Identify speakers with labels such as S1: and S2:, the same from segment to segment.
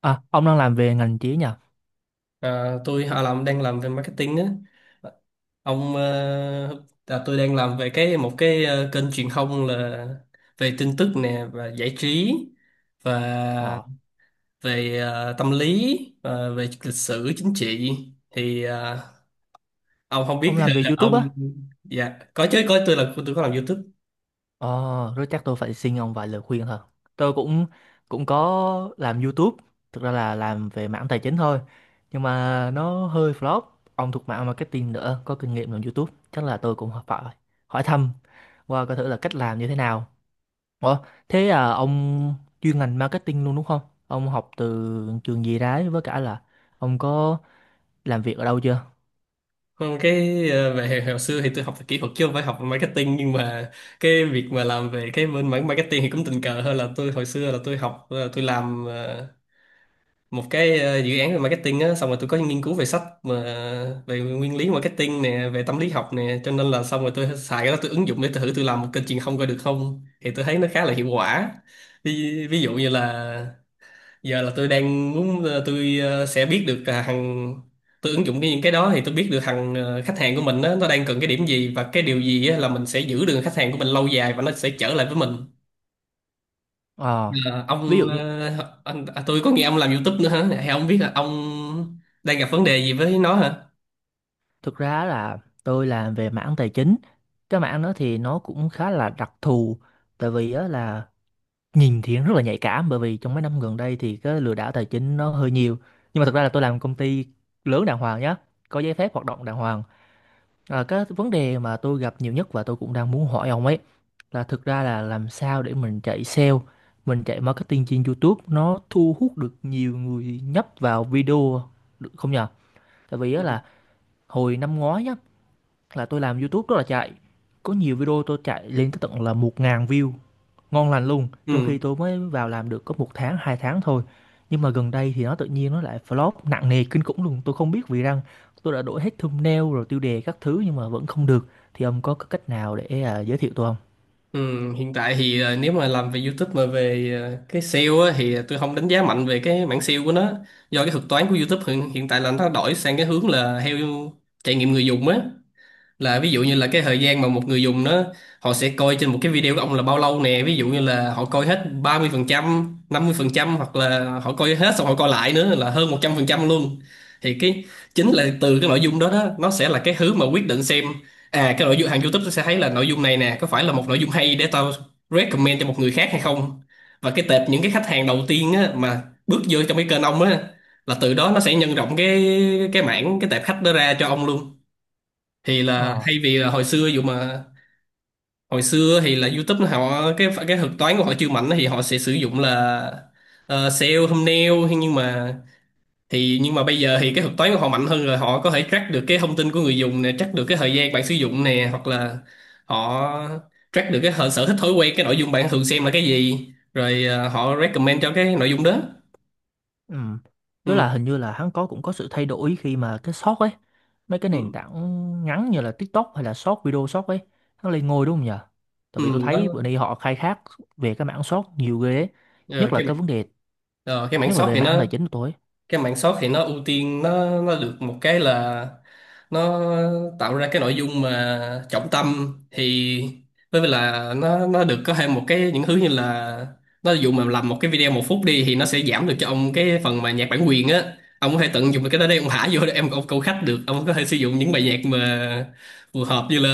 S1: À, ông đang làm về ngành trí nhỉ?
S2: Tôi họ làm đang làm về marketing á. Tôi đang làm về một kênh truyền thông là về tin tức nè và giải trí, và
S1: Ờ,
S2: về tâm lý, và về lịch sử chính trị, thì ờ, ông không biết
S1: ông làm về YouTube
S2: ông.
S1: á?
S2: Dạ có chứ, có, tôi có làm YouTube.
S1: Ờ, rồi chắc tôi phải xin ông vài lời khuyên thôi. Tôi cũng cũng có làm YouTube, thực ra là làm về mảng tài chính thôi. Nhưng mà nó hơi flop. Ông thuộc mảng marketing nữa, có kinh nghiệm làm YouTube, chắc là tôi cũng phải hỏi thăm qua coi thử là cách làm như thế nào. Ủa, thế à, ông chuyên ngành marketing luôn đúng không? Ông học từ trường gì đấy với cả là ông có làm việc ở đâu chưa?
S2: Còn về hồi xưa thì tôi học về kỹ thuật chứ không phải học về marketing, nhưng mà cái việc mà làm về cái bên mảng marketing thì cũng tình cờ hơn. Là tôi Hồi xưa là tôi làm một dự án về marketing á, xong rồi tôi có nghiên cứu về sách mà về nguyên lý marketing nè, về tâm lý học nè. Cho nên là xong rồi tôi xài cái đó, tôi ứng dụng để tôi thử tôi làm một kênh truyền thông coi được không, thì tôi thấy nó khá là hiệu quả. Ví dụ như là giờ là tôi đang muốn sẽ biết được là hàng, tôi ứng dụng cái những cái đó thì tôi biết được khách hàng của mình á, nó đang cần cái điểm gì và cái điều gì á, là mình sẽ giữ được khách hàng của mình lâu dài và nó sẽ trở lại với mình.
S1: Ờ,
S2: Ờ,
S1: ví dụ
S2: ông
S1: như
S2: ờ, anh, à, Tôi có nghe ông làm YouTube nữa hả? Hay ông biết là ông đang gặp vấn đề gì với nó hả?
S1: Thực ra là tôi làm về mảng tài chính. Cái mảng đó thì nó cũng khá là đặc thù, tại vì á là nhìn thì rất là nhạy cảm, bởi vì trong mấy năm gần đây thì cái lừa đảo tài chính nó hơi nhiều. Nhưng mà thực ra là tôi làm công ty lớn đàng hoàng nhá, có giấy phép hoạt động đàng hoàng. À, cái vấn đề mà tôi gặp nhiều nhất và tôi cũng đang muốn hỏi ông ấy là thực ra là làm sao để mình chạy sale, mình chạy marketing trên YouTube nó thu hút được nhiều người nhấp vào video được không nhờ? Tại vì á
S2: Ừ.
S1: là hồi năm ngoái nhá, là tôi làm YouTube rất là chạy, có nhiều video tôi chạy lên tới tận là 1.000 view ngon lành luôn, trong
S2: Ừ.
S1: khi tôi mới vào làm được có một tháng 2 tháng thôi. Nhưng mà gần đây thì nó tự nhiên nó lại flop nặng nề kinh khủng luôn, tôi không biết vì rằng tôi đã đổi hết thumbnail rồi tiêu đề các thứ nhưng mà vẫn không được. Thì ông có cách nào để giới thiệu tôi không?
S2: Ừ. Hiện tại thì nếu mà làm về YouTube mà về cái SEO á, thì tôi không đánh giá mạnh về cái mảng SEO của nó, do cái thuật toán của YouTube hiện tại là nó đổi sang cái hướng là theo trải nghiệm người dùng á. Là ví dụ như là cái thời gian mà một người dùng nó họ sẽ coi trên một cái video của ông là bao lâu nè, ví dụ như là họ coi hết ba mươi mươi phần trăm, năm mươi phần trăm, hoặc là họ coi hết xong họ coi lại nữa là hơn 100% luôn, thì cái chính là từ cái nội dung đó đó, nó sẽ là cái thứ mà quyết định xem à, cái nội dung hàng YouTube nó sẽ thấy là nội dung này nè có phải là một nội dung hay để tao recommend cho một người khác hay không. Và cái tệp những cái khách hàng đầu tiên á, mà bước vô trong cái kênh ông á, là từ đó nó sẽ nhân rộng cái mảng cái tệp khách đó ra cho ông luôn. Thì là
S1: Ờ.
S2: thay vì là hồi xưa dụ mà hồi xưa thì là YouTube họ, cái thuật toán của họ chưa mạnh thì họ sẽ sử dụng là SEO thumbnail. Thế nhưng mà thì nhưng mà bây giờ thì cái thuật toán của họ mạnh hơn rồi, họ có thể track được cái thông tin của người dùng nè, track được cái thời gian bạn sử dụng nè, hoặc là họ track được sở thích thói quen cái nội dung bạn thường xem là cái gì, rồi họ recommend cho cái nội dung đó.
S1: Ừ. Tức
S2: Ừ.
S1: là hình như là hắn cũng có sự thay đổi khi mà cái short ấy, mấy cái nền
S2: Ừ.
S1: tảng ngắn như là TikTok hay là short video short ấy, hắn lên ngôi đúng không nhờ? Tại
S2: Ừ.
S1: vì tôi
S2: Nó
S1: thấy bữa nay họ khai thác về cái mảng short nhiều ghê ấy,
S2: ờ,
S1: nhất là
S2: cái mảng-
S1: cái vấn đề,
S2: cái mảng
S1: nhất là
S2: short
S1: về
S2: thì
S1: mảng
S2: nó,
S1: tài chính của tôi ấy.
S2: cái mảng short thì nó ưu tiên, nó được một cái là nó tạo ra cái nội dung mà trọng tâm, thì với lại là nó được có thêm một cái những thứ như là nó dụ mà làm một cái video một phút đi thì nó sẽ giảm được cho ông cái phần mà nhạc bản quyền á. Ông có thể tận dụng được cái đó, đây ông thả vô để em ông câu khách được, ông có thể sử dụng những bài nhạc mà phù hợp. Như là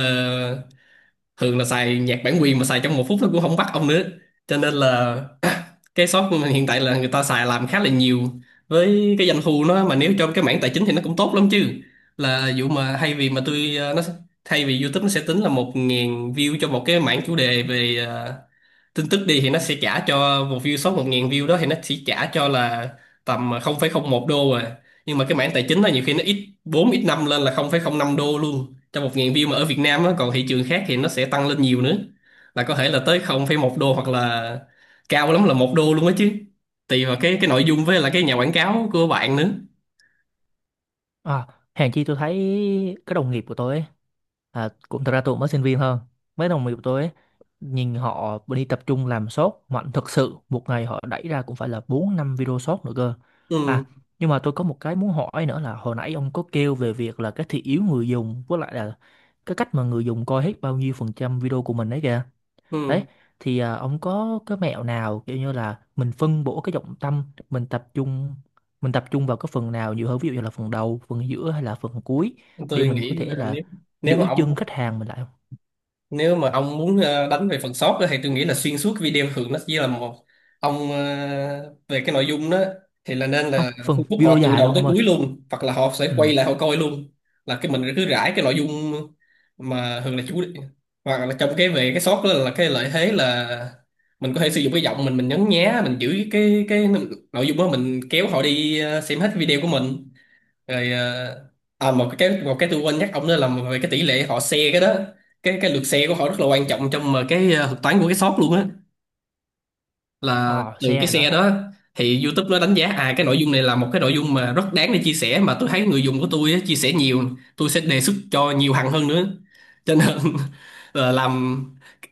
S2: thường là xài nhạc bản quyền mà xài trong một phút nó cũng không bắt ông nữa, cho nên là cái shop của mình hiện tại là người ta xài làm khá là nhiều. Với cái doanh thu nó mà nếu trong cái mảng tài chính thì nó cũng tốt lắm chứ. Là vụ mà thay vì mà tôi ờ, nó thay vì YouTube nó sẽ tính là một ngàn view cho một cái mảng chủ đề về tin tức đi, thì nó sẽ trả cho một view số 1.000 view đó thì nó sẽ trả cho là tầm 0,01 đô à. Nhưng mà cái mảng tài chính đó nhiều khi nó ít 4 ít 5 lên là 0,05 đô luôn cho 1.000 view, mà ở Việt Nam á. Còn thị trường khác thì nó sẽ tăng lên nhiều nữa, là có thể là tới 0,1 đô, hoặc là cao lắm là một đô luôn á chứ, tùy vào cái nội dung với là cái nhà quảng cáo của bạn nữa.
S1: À, hèn chi tôi thấy các đồng nghiệp của tôi ấy, cũng thật ra tôi cũng mới sinh viên hơn. Mấy đồng nghiệp của tôi ấy, nhìn họ đi tập trung làm shop mạnh thật sự. Một ngày họ đẩy ra cũng phải là 4 5 video shop nữa cơ.
S2: Ừ.
S1: À, nhưng mà tôi có một cái muốn hỏi nữa là hồi nãy ông có kêu về việc là cái thị hiếu người dùng với lại là cái cách mà người dùng coi hết bao nhiêu phần trăm video của mình đấy kìa đấy,
S2: Ừ.
S1: thì ông có cái mẹo nào kiểu như là mình phân bổ cái trọng tâm, mình tập trung mình tập trung vào cái phần nào nhiều hơn, ví dụ như là phần đầu phần giữa hay là phần cuối, để
S2: tôi
S1: mình
S2: nghĩ
S1: có thể
S2: là
S1: là
S2: nếu nếu mà
S1: giữ
S2: ông
S1: chân khách hàng mình lại không?
S2: Nếu mà ông muốn đánh về phần sót á, thì tôi nghĩ là xuyên suốt video thường nó chỉ là một, ông về cái nội dung đó thì là nên
S1: Không
S2: là thu
S1: phần
S2: hút
S1: video
S2: họ từ
S1: dài
S2: đầu
S1: luôn
S2: tới
S1: ông ơi.
S2: cuối luôn, hoặc là họ sẽ quay
S1: Ừ,
S2: lại họ coi luôn. Là cái mình cứ rải cái nội dung mà thường là chủ, hoặc là trong cái về cái sót đó, là cái lợi thế là mình có thể sử dụng cái giọng mình nhấn nhá, mình giữ cái nội dung đó, mình kéo họ đi xem hết video của mình. Rồi ờ, à Một cái, tôi quên nhắc ông nữa là về cái tỷ lệ họ share cái đó, cái lượt share của họ rất là quan trọng trong thuật toán của cái shop luôn á. Là
S1: ờ
S2: từ cái
S1: xe
S2: share
S1: nữa,
S2: đó thì YouTube nó đánh giá à, cái nội dung này là một cái nội dung mà rất đáng để chia sẻ, mà tôi thấy người dùng của tôi á, chia sẻ nhiều, tôi sẽ đề xuất cho nhiều hàng hơn nữa. Cho nên là làm,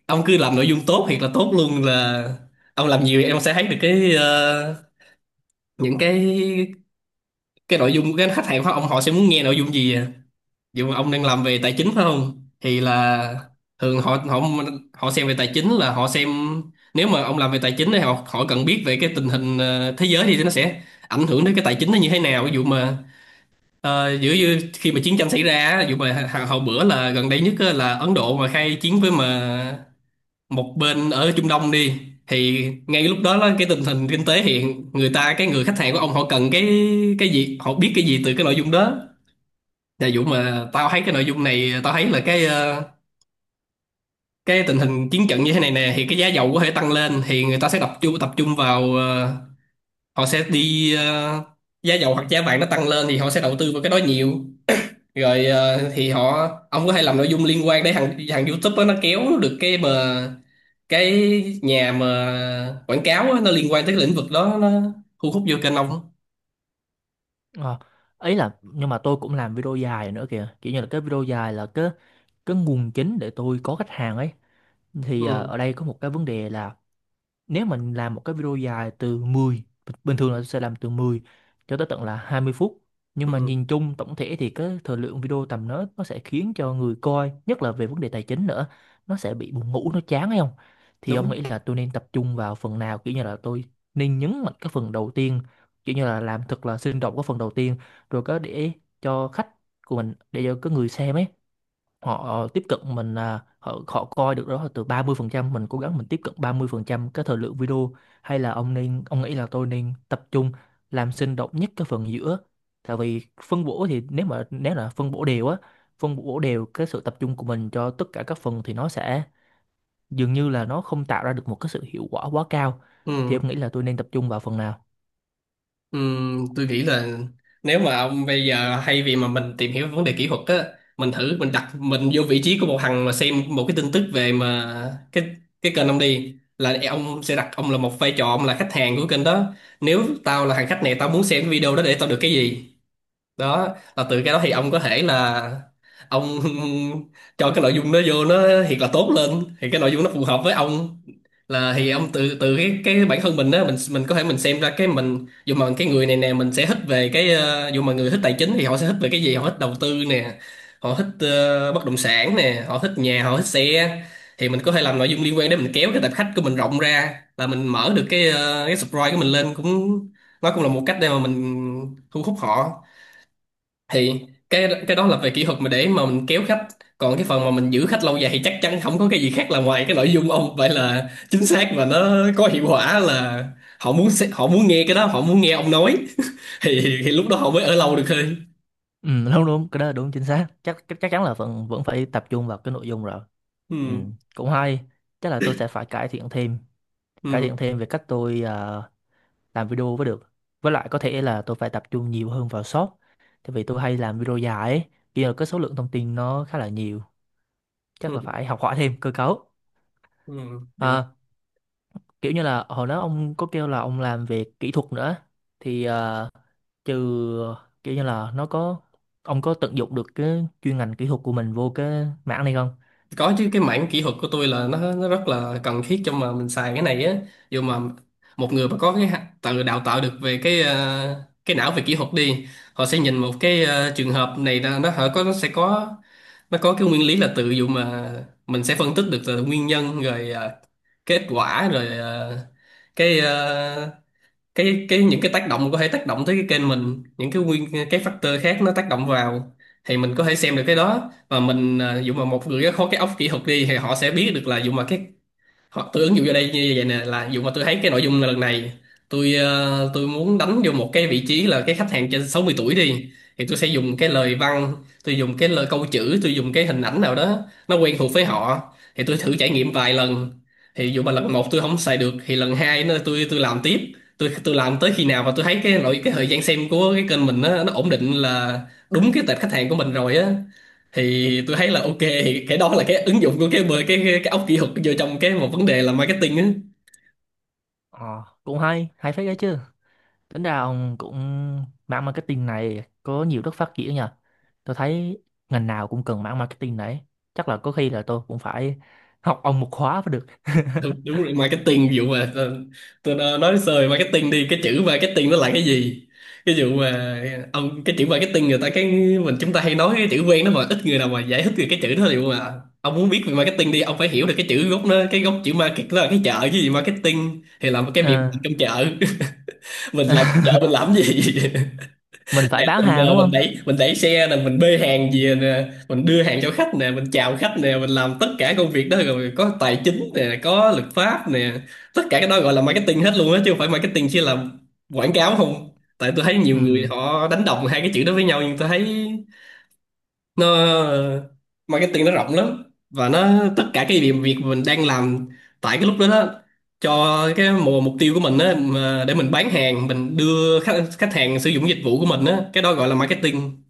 S2: ông cứ làm nội dung tốt thiệt là tốt luôn, là ông làm nhiều em sẽ thấy được những cái nội dung của cái khách hàng của ông họ sẽ muốn nghe nội dung gì à. Dù mà ông
S1: ừ,
S2: đang làm về tài chính phải không, thì là thường họ họ họ xem về tài chính là họ xem, nếu mà ông làm về tài chính thì họ họ cần biết về cái tình hình thế giới, thì nó sẽ ảnh hưởng đến cái tài chính nó như thế nào. Ví dụ mà giữa như khi mà chiến tranh xảy ra á, ví dụ mà hồi bữa là gần đây nhất á, là Ấn Độ mà khai chiến với mà một bên ở Trung Đông đi, thì ngay lúc đó là cái tình hình kinh tế hiện, người ta cái người khách hàng của ông họ cần cái gì họ biết cái gì từ cái nội dung đó. Dạ Dũng mà tao thấy cái nội dung này, tao thấy là cái tình hình chiến trận như thế này nè thì cái giá dầu có thể tăng lên, thì người ta sẽ tập trung vào họ sẽ đi giá dầu hoặc giá vàng nó tăng lên thì họ sẽ đầu tư vào cái đó nhiều. Thì họ, ông có thể làm nội dung liên quan để thằng thằng YouTube á, nó kéo được cái mà cái nhà mà quảng cáo á, nó liên quan tới cái lĩnh vực đó nó thu hút vô kênh ông.
S1: ờ ấy là nhưng mà tôi cũng làm video dài nữa kìa, kiểu như là cái video dài là cái nguồn chính để tôi có khách hàng ấy. Thì
S2: Ừ,
S1: ở đây có một cái vấn đề là nếu mình làm một cái video dài từ 10, bình thường là tôi sẽ làm từ 10 cho tới tận là 20 phút, nhưng mà
S2: ừ,
S1: nhìn chung tổng thể thì cái thời lượng video tầm đó nó sẽ khiến cho người coi, nhất là về vấn đề tài chính nữa, nó sẽ bị buồn ngủ nó chán hay không. Thì ông
S2: đúng
S1: nghĩ là tôi nên tập trung vào phần nào, kiểu như là tôi nên nhấn mạnh cái phần đầu tiên, kiểu như là làm thật là sinh động cái phần đầu tiên, rồi có để cho khách của mình, để cho cái người xem ấy, họ tiếp cận mình, là họ họ coi được đó là từ 30%, mình cố gắng mình tiếp cận 30% cái thời lượng video, hay là ông nghĩ là tôi nên tập trung làm sinh động nhất cái phần giữa. Tại vì phân bổ thì nếu là phân bổ đều á, phân bổ đều cái sự tập trung của mình cho tất cả các phần thì nó sẽ dường như là nó không tạo ra được một cái sự hiệu quả quá cao. Thì
S2: ừ.
S1: ông nghĩ là tôi nên tập trung vào phần nào?
S2: Tôi nghĩ là nếu mà ông bây giờ hay vì mà mình tìm hiểu vấn đề kỹ thuật á, mình thử mình đặt mình vô vị trí của một thằng mà xem một cái tin tức về mà cái cái kênh ông đi, là ông sẽ đặt ông là một vai trò, ông là khách hàng của kênh đó. Nếu tao là thằng khách này, tao muốn xem cái video đó để tao được cái gì. Đó là từ cái đó thì ông có thể là ông cho cái nội dung nó vô, nó thiệt là tốt lên, thì cái nội dung nó phù hợp với ông. Là thì ông từ từ cái bản thân mình á, mình có thể mình xem ra cái mình, dù mà cái người này nè mình sẽ thích về cái dù mà người thích tài chính thì họ sẽ thích về cái gì, họ thích đầu tư nè, họ thích bất động sản nè, họ thích nhà, họ thích xe, thì mình có thể làm nội dung liên quan để mình kéo cái tập khách của mình rộng ra, là mình mở được cái cái subscribe của mình lên cũng, nó cũng là một cách để mà mình thu hút họ. Thì cái đó là về kỹ thuật mà để mà mình kéo khách. Còn cái phần mà mình giữ khách lâu dài thì chắc chắn không có cái gì khác là ngoài cái nội dung ông vậy là chính xác và nó có hiệu quả, là họ muốn nghe cái đó, họ muốn nghe ông nói. Thì lúc đó họ mới ở lâu được thôi.
S1: Ừ, đúng đúng, cái đó là đúng chính xác, chắc chắc chắn là vẫn vẫn phải tập trung vào cái nội dung rồi. Ừ,
S2: Ừ,
S1: cũng hay, chắc là tôi sẽ phải cải thiện thêm cải
S2: ừ,
S1: thiện thêm về cách tôi làm video mới được, với lại có thể là tôi phải tập trung nhiều hơn vào short, tại vì tôi hay làm video dài ấy, kia là cái số lượng thông tin nó khá là nhiều, chắc
S2: ừ,
S1: là phải học hỏi thêm cơ cấu.
S2: ừ, được.
S1: À, kiểu như là hồi đó ông có kêu là ông làm về kỹ thuật nữa, thì trừ kiểu như là nó có, ông có tận dụng được cái chuyên ngành kỹ thuật của mình vô cái mảng này không?
S2: Có chứ, cái mảng kỹ thuật của tôi là nó rất là cần thiết cho mà mình xài cái này á. Dù mà một người mà có cái tự đào tạo được về cái cái não về kỹ thuật đi, họ sẽ nhìn một cái trường hợp này là nó họ có, nó sẽ có, nó có cái nguyên lý là tự, dụ mà mình sẽ phân tích được là nguyên nhân rồi à, kết quả rồi à, cái à, cái những cái tác động có thể tác động tới cái kênh mình, những cái nguyên, cái factor khác nó tác động vào, thì mình có thể xem được cái đó. Và mình à, dụ mà một người có cái óc kỹ thuật đi thì họ sẽ biết được, là dụ mà cái, hoặc tôi ứng dụng vô đây như vậy nè, là dù mà tôi thấy cái nội dung lần này, tôi muốn đánh vô một cái vị trí là cái khách hàng trên 60 tuổi đi, thì tôi sẽ dùng cái lời văn, tôi dùng cái lời câu chữ, tôi dùng cái hình ảnh nào đó nó quen thuộc với họ, thì tôi thử trải nghiệm vài lần. Thì dù mà lần một tôi không xài được thì lần hai nó tôi làm tiếp, tôi làm tới khi nào mà tôi thấy cái cái thời gian xem của cái kênh mình nó ổn định, là đúng cái tệp khách hàng của mình rồi á, thì tôi thấy là ok, thì cái đó là cái ứng dụng của cái bờ cái, cái óc kỹ thuật vô trong cái một vấn đề là marketing á.
S1: Ờ, cũng hay, hay phết đấy chứ. Tính ra ông cũng mảng marketing này có nhiều đất phát triển nha. Tôi thấy ngành nào cũng cần mảng marketing đấy. Chắc là có khi là tôi cũng phải học ông một khóa mới được.
S2: Đúng, đúng rồi, marketing, ví dụ mà tôi nói sơ về marketing đi, cái chữ marketing nó là cái gì, cái dụ mà ông, cái chữ marketing người ta cái, mình chúng ta hay nói cái chữ quen đó mà ít người nào mà giải thích được cái chữ đó. Liệu mà ông muốn biết về marketing đi, ông phải hiểu được cái chữ gốc nó, cái gốc chữ market là cái chợ chứ gì, marketing thì là cái việc
S1: Ờ.
S2: mình trong chợ. Mình làm chợ mình làm gì,
S1: Mình phải
S2: nè
S1: bán
S2: mình
S1: hàng đúng
S2: mình
S1: không?
S2: đẩy mình đẩy xe nè, mình bê hàng về nè, mình đưa hàng cho khách nè, mình chào khách nè, mình làm tất cả công việc đó, rồi có tài chính nè, có luật pháp nè, tất cả cái đó gọi là marketing hết luôn á, chứ không phải marketing chỉ là quảng cáo không. Tại tôi thấy nhiều người
S1: Ừ.
S2: họ đánh đồng hai cái chữ đó với nhau, nhưng tôi thấy nó, marketing nó rộng lắm, và nó tất cả cái việc việc mình đang làm tại cái lúc đó đó, cho cái mục mục tiêu của mình á, mà để mình bán hàng, mình đưa khách khách hàng sử dụng dịch vụ của mình á, cái đó gọi là marketing.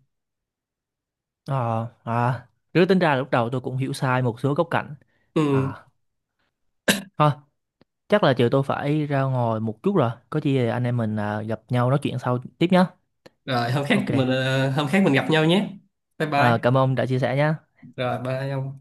S1: Ờ, à, cứ tính ra lúc đầu tôi cũng hiểu sai một số góc cạnh.
S2: Ừ.
S1: À, thôi, chắc là chiều tôi phải ra ngoài một chút rồi. Có gì anh em mình gặp nhau nói chuyện sau tiếp nhé.
S2: Rồi
S1: Ok,
S2: hôm khác mình gặp nhau nhé. Bye bye.
S1: cảm ơn ông đã chia sẻ nhé.
S2: Rồi bye ông.